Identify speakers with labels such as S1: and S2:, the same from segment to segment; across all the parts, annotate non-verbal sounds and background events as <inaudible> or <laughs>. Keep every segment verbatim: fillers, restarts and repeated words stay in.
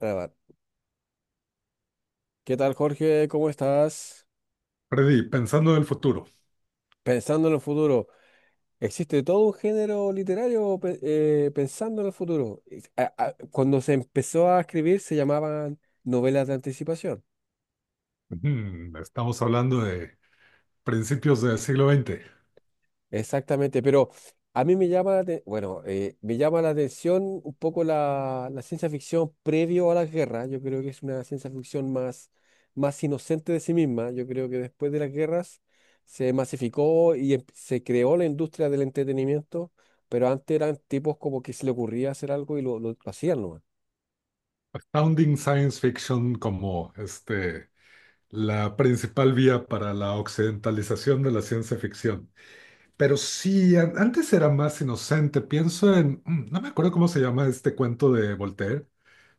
S1: Grabar. ¿Qué tal, Jorge? ¿Cómo estás?
S2: Freddy, pensando en el futuro.
S1: Pensando en el futuro, ¿existe todo un género literario pe- eh, pensando en el futuro? Es- a- a- Cuando se empezó a escribir se llamaban novelas de anticipación.
S2: Ujú, estamos hablando de principios del siglo veinte.
S1: Exactamente, pero a mí me llama la, ate- bueno, eh, me llama la atención un poco la, la ciencia ficción previo a la guerra. Yo creo que es una ciencia ficción más, más inocente de sí misma. Yo creo que después de las guerras se masificó y em- se creó la industria del entretenimiento, pero antes eran tipos como que se le ocurría hacer algo y lo, lo- lo hacían nomás.
S2: Astounding Science Fiction como este, la principal vía para la occidentalización de la ciencia ficción. Pero sí, an- antes era más inocente, pienso en, mm, no me acuerdo cómo se llama este cuento de Voltaire,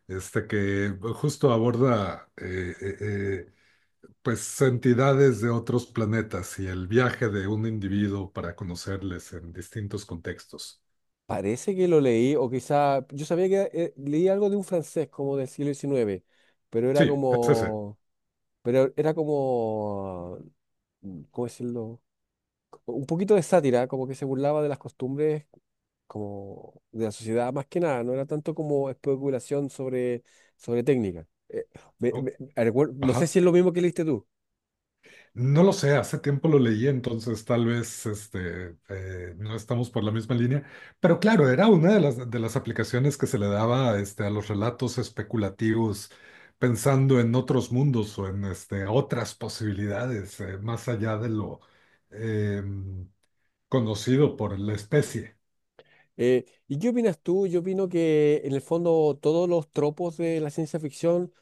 S2: este que justo aborda eh, eh, eh, pues entidades de otros planetas y el viaje de un individuo para conocerles en distintos contextos.
S1: Parece que lo leí, o quizá, yo sabía que eh, leí algo de un francés como del siglo diecinueve, pero era
S2: Sí, es ese.
S1: como... Pero era como, mm, ¿cómo decirlo? Un poquito de sátira, como que se burlaba de las costumbres como de la sociedad más que nada, no era tanto como especulación sobre, sobre técnica. Eh, me- me-
S2: Oh,
S1: recuer- no sé
S2: ajá.
S1: si es lo mismo que leíste tú.
S2: No lo sé, hace tiempo lo leí, entonces tal vez este, eh, no estamos por la misma línea, pero claro, era una de las, de las aplicaciones que se le daba este, a los relatos especulativos, pensando en otros mundos o en este, otras posibilidades, eh, más allá de lo eh, conocido por la especie.
S1: Eh, ¿y qué opinas tú? Yo opino que en el fondo todos los tropos de la ciencia ficción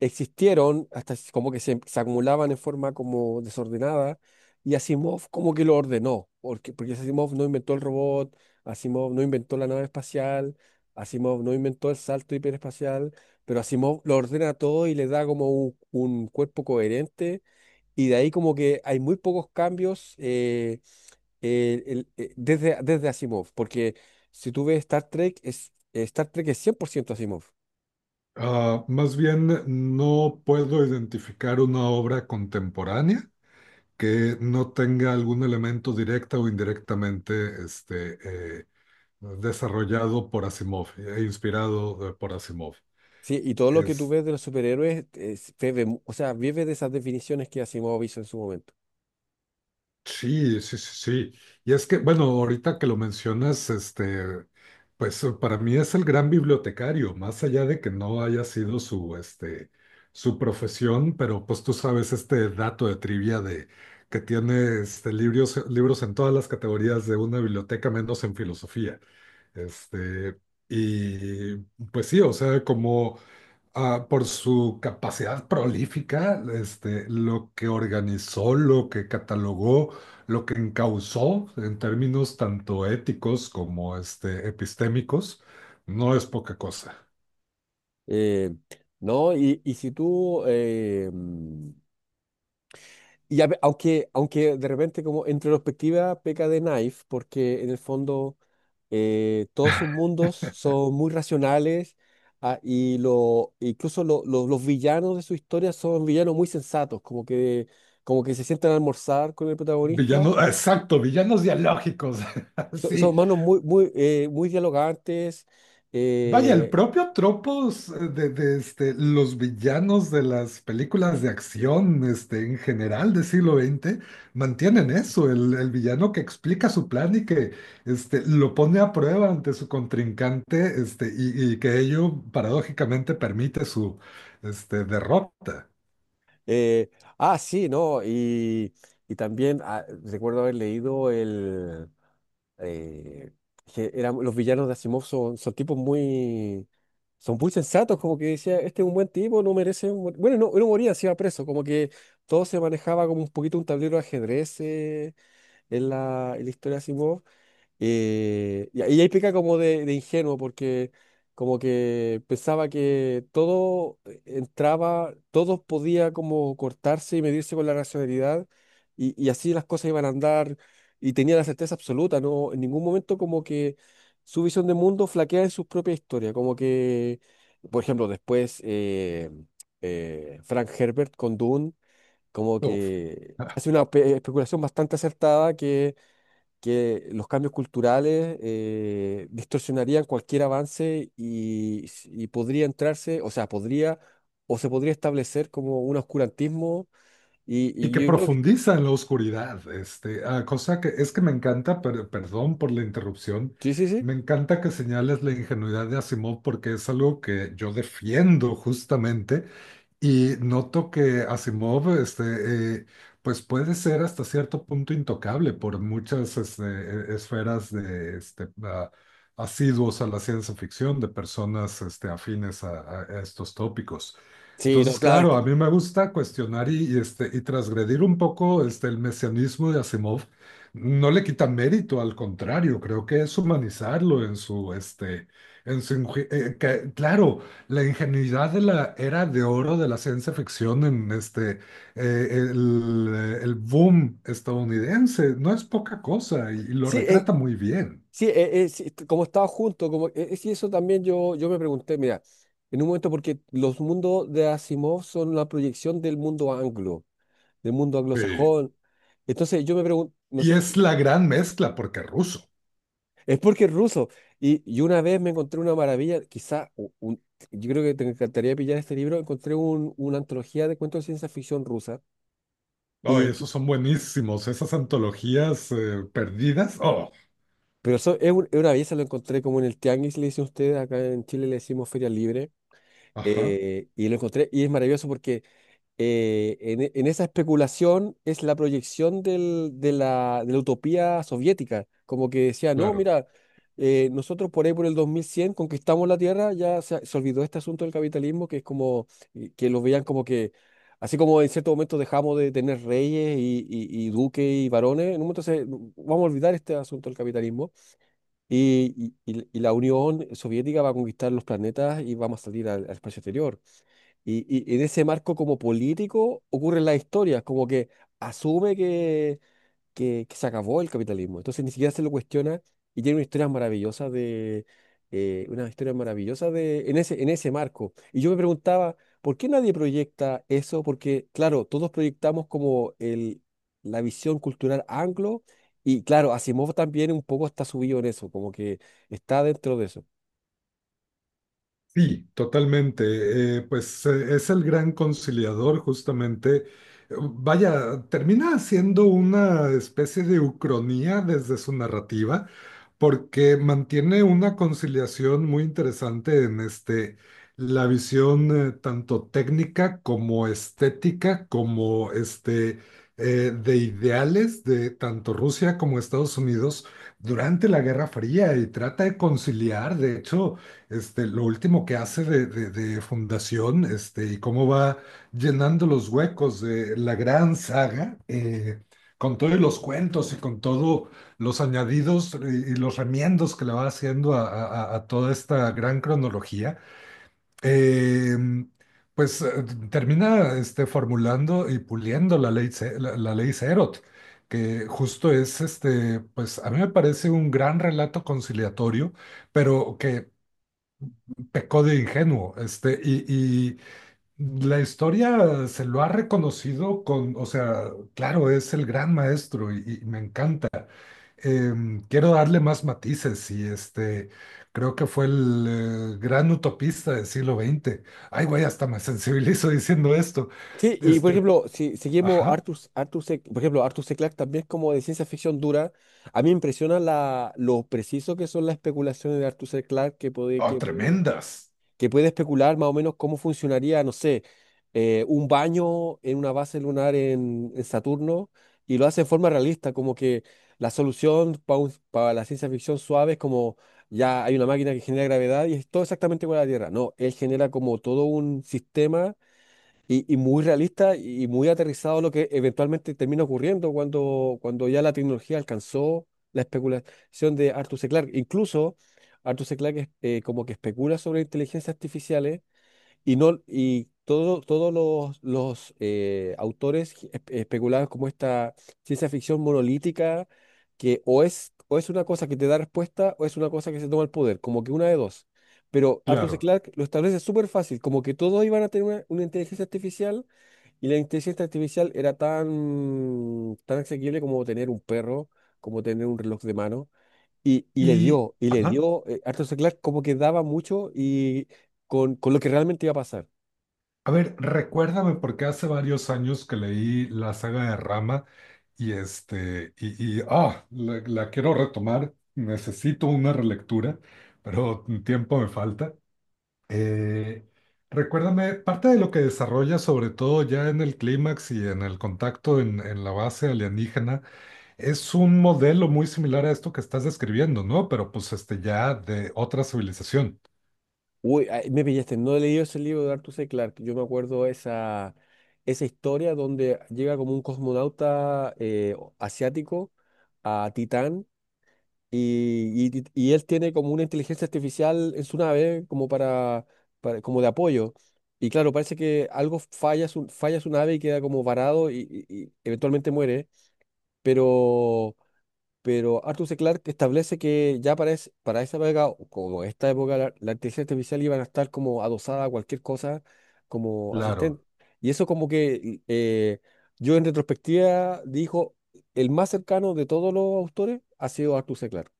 S1: existieron, hasta es como que se, se acumulaban en forma como desordenada, y Asimov como que lo ordenó, porque, porque Asimov no inventó el robot, Asimov no inventó la nave espacial, Asimov no inventó el salto hiperespacial, pero Asimov lo ordena todo y le da como un, un cuerpo coherente, y de ahí como que hay muy pocos cambios eh, eh, el- eh, desde, desde Asimov, porque si tú ves Star Trek, es, eh, Star Trek es cien por ciento Asimov.
S2: Ah, más bien, no puedo identificar una obra contemporánea que no tenga algún elemento directa o indirectamente este, eh, desarrollado por Asimov, eh, inspirado eh, por Asimov.
S1: Sí, y todo lo que tú ves de los superhéroes, es- bebe mu- o sea, vive de esas definiciones que Asimov hizo en su momento.
S2: Sí, sí, sí, sí. Y es que, bueno, ahorita que lo mencionas, este, pues eh, para mí es el gran bibliotecario, más allá de que no haya sido su, este, su profesión, pero pues tú sabes este dato de trivia de que tiene este, libros, libros en todas las categorías de una biblioteca, menos en filosofía. Este, y pues sí, o sea, como ah, por su capacidad prolífica, este, lo que organizó, lo que catalogó, lo que encauzó en términos tanto éticos como este, epistémicos, no es poca cosa.
S1: Eh, no, y, y si tú, eh, mm, y a ve- aunque, aunque de repente como en retrospectiva peca de Knife, porque en el fondo eh, todos sus mundos son muy racionales, ah, y lo, incluso lo- lo- los villanos de su historia son villanos muy sensatos, como que, como que se sientan a almorzar con el protagonista.
S2: Villanos, exacto, villanos dialógicos. <laughs>
S1: Son, son
S2: Sí.
S1: manos muy, muy, eh, muy dialogantes.
S2: Vaya, el
S1: eh,
S2: propio tropos eh, de, de, este, los villanos de las películas de acción este, en general del siglo veinte mantienen eso, el, el villano que explica su plan y que este, lo pone a prueba ante su contrincante este, y, y que ello paradójicamente permite su este, derrota.
S1: eh, ah, sí, ¿no? Y, y también ah, recuerdo haber leído el... eh, que eran, los villanos de Asimov son, son tipos muy... Son muy sensatos, como que decía, este es un buen tipo, no merece... mor-". Bueno, no, no moría, se iba preso, como que todo se manejaba como un poquito un tablero de ajedrez eh, en la, en la historia de Asimov. Eh, y ahí ahí peca como de, de ingenuo, porque como que pensaba que todo entraba, todo podía como cortarse y medirse con la racionalidad, y, y así las cosas iban a andar, y tenía la certeza absoluta, ¿no? En ningún momento como que su visión de mundo flaquea en su propia historia, como que, por ejemplo, después eh, eh, Frank Herbert con Dune, como
S2: Uf.
S1: que hace una espe- especulación bastante acertada que los cambios culturales eh, distorsionarían cualquier avance y, y podría entrarse, o sea, podría o se podría establecer como un oscurantismo y,
S2: Y
S1: y
S2: que
S1: yo creo que
S2: profundiza en la oscuridad, este, ah, cosa que es que me encanta, pero perdón por la interrupción.
S1: sí, sí, sí.
S2: Me encanta que señales la ingenuidad de Asimov porque es algo que yo defiendo justamente y noto que Asimov, este, eh, pues puede ser hasta cierto punto intocable por muchas este, e- esferas de este, a- asiduos a la ciencia ficción, de personas este, afines a, a- a estos tópicos.
S1: Sí, no,
S2: Entonces,
S1: claro, es
S2: claro,
S1: que
S2: a mí me gusta cuestionar y, y, este, y transgredir un poco este, el mesianismo de Asimov. No le quita mérito, al contrario, creo que es humanizarlo en su, este, en su, inju- eh, que- claro. La ingenuidad de la era de oro de la ciencia ficción en este, eh, el, el boom estadounidense no es poca cosa y, y lo
S1: sí, eh,
S2: retrata muy bien.
S1: sí, eh, eh, sí, est- como estaba junto, como eh, eh, sí, eso también yo, yo me pregunté, mira, en un momento porque los mundos de Asimov son la proyección del mundo anglo, del mundo
S2: Sí.
S1: anglosajón. Entonces yo me pregunto, no
S2: Y
S1: sé,
S2: es la gran mezcla porque es ruso.
S1: es porque es ruso. Y, y una vez me encontré una maravilla, quizá, u- un- yo creo que te encantaría pillar este libro, encontré un- una antología de cuentos de ciencia ficción rusa.
S2: Oh,
S1: Y, que-
S2: esos son buenísimos, esas antologías eh, perdidas. Oh,
S1: pero eso es, un- es una belleza, lo encontré como en el Tianguis, le dicen ustedes, acá en Chile le decimos Feria Libre.
S2: ajá,
S1: Eh, y lo encontré y es maravilloso porque eh, en, e- en esa especulación es la proyección del- de la, de la utopía soviética, como que decía, no,
S2: claro.
S1: mira, eh, nosotros por ahí por el dos mil cien conquistamos la Tierra, ya se, se olvidó este asunto del capitalismo, que es como, eh, que lo veían como que, así como en cierto momento dejamos de tener reyes y, y- y duques y varones, en un momento se- no, vamos a olvidar este asunto del capitalismo y, y- y- y la Unión Soviética va a conquistar los planetas y vamos a salir al al espacio exterior. Y, y en ese marco como político ocurren las historias, como que asume que, que, que se acabó el capitalismo. Entonces ni siquiera se lo cuestiona y tiene una historia maravillosa de eh, una historia maravillosa de en ese, en ese marco. Y yo me preguntaba, ¿por qué nadie proyecta eso? Porque, claro, todos proyectamos como el, la visión cultural anglo, y claro, Asimov también un poco está subido en eso, como que está dentro de eso.
S2: Sí, totalmente. Eh, pues eh, es el gran conciliador justamente. Eh, Vaya, termina siendo una especie de ucronía desde su narrativa porque mantiene una conciliación muy interesante en este, la visión eh, tanto técnica como estética, como este, eh, de ideales de tanto Rusia como Estados Unidos durante la Guerra Fría y trata de conciliar, de hecho, este, lo último que hace de, de- de fundación este, y cómo va llenando los huecos de la gran saga. eh, con todos los cuentos y con todo los añadidos y los remiendos que le va haciendo a, a- a- a toda esta gran cronología, eh, pues eh, termina este, formulando y puliendo la ley, Ce- la, la ley Serot, que justo es, este, pues a mí me parece un gran relato conciliatorio, pero que pecó de ingenuo, este, y, y la historia se lo ha reconocido con, o sea, claro, es el gran maestro y y me encanta em, quiero darle más matices y este, creo que fue el eh, gran utopista del siglo veinte. Ay, güey, hasta me sensibilizo <laughs> diciendo esto.
S1: Sí, y por
S2: Este,
S1: ejemplo, si seguimos
S2: ajá,
S1: Arthur, Arthur C- por ejemplo, Arthur C. Clarke también es como de ciencia ficción dura. A mí me impresiona la, lo preciso que son las especulaciones de Arthur C. Clarke que puede,
S2: oh,
S1: que puede,
S2: tremendas,
S1: que puede especular más o menos cómo funcionaría, no sé, eh, un baño en una base lunar en, en Saturno y lo hace de forma realista, como que la solución para la ciencia ficción suave es como ya hay una máquina que genera gravedad y es todo exactamente igual a la Tierra. No, él genera como todo un sistema y, y muy realista y muy aterrizado a lo que eventualmente termina ocurriendo cuando, cuando ya la tecnología alcanzó la especulación de Arthur C. Clarke. Incluso Arthur C. Clarke eh, como que especula sobre inteligencias artificiales y, no, y todo- todos los, los, eh, autores espe- especulaban como esta ciencia ficción monolítica que o es, o es una cosa que te da respuesta o es una cosa que se toma el poder, como que una de dos. Pero Arthur C.
S2: claro.
S1: Clarke lo establece súper fácil, como que todos iban a tener una, una inteligencia artificial y la inteligencia artificial era tan, tan asequible como tener un perro, como tener un reloj de mano. Y, y le
S2: Y,
S1: dio, y le
S2: ajá,
S1: dio, eh, Arthur C. Clarke como que daba mucho y con, con lo que realmente iba a pasar.
S2: a ver, recuérdame porque hace varios años que leí la saga de Rama y este, y, y, ah, la la quiero retomar, necesito una relectura, pero tiempo me falta. Eh, recuérdame, parte de lo que desarrolla, sobre todo ya en el clímax y en el contacto en, en la base alienígena, es un modelo muy similar a esto que estás describiendo, ¿no? Pero pues este ya de otra civilización.
S1: Uy, ay, me pillaste, no he leído ese libro de Arthur C. Clarke. Yo me acuerdo esa, esa historia donde llega como un cosmonauta eh, o- asiático a Titán y, y- y él tiene como una inteligencia artificial en su nave como para, para- como de apoyo. Y claro, parece que algo falla su, falla su nave y queda como varado y, y- y eventualmente muere. Pero pero Arthur C. Clarke establece que ya para, es- para esa época, o como esta época, la, la inteligencia artificial iban a estar como adosada a cualquier cosa como
S2: Claro,
S1: asistente. Y eso como que eh, yo en retrospectiva dijo, el más cercano de todos los autores ha sido Arthur C. Clarke.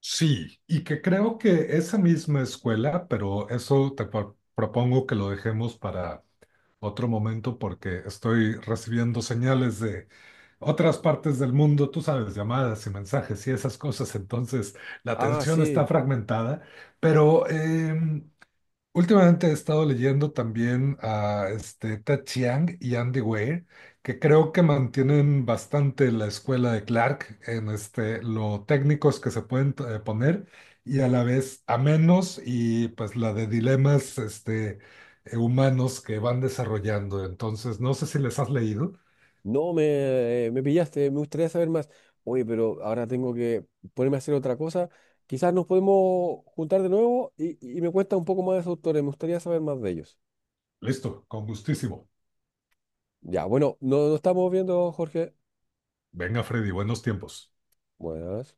S2: sí, y que creo que esa misma escuela, pero eso te pro- propongo que lo dejemos para otro momento porque estoy recibiendo señales de otras partes del mundo, tú sabes, llamadas y mensajes y esas cosas, entonces la
S1: Ah,
S2: atención está
S1: sí,
S2: fragmentada, pero em, últimamente he estado leyendo también a este, Ted Chiang y Andy Weir, que creo que mantienen bastante la escuela de Clark en este, lo técnicos que se pueden eh, poner y a la vez a menos y pues la de dilemas este, eh, humanos que van desarrollando. Entonces, no sé si les has leído.
S1: no, me, eh, me pillaste, me gustaría saber más. Oye, pero ahora tengo que ponerme a hacer otra cosa. Quizás nos podemos juntar de nuevo y, y me cuentas un poco más de esos autores, me gustaría saber más de ellos.
S2: Listo, con gustísimo.
S1: Ya, bueno, no, no estamos viendo, Jorge.
S2: Venga, Freddy, buenos tiempos.
S1: Buenas.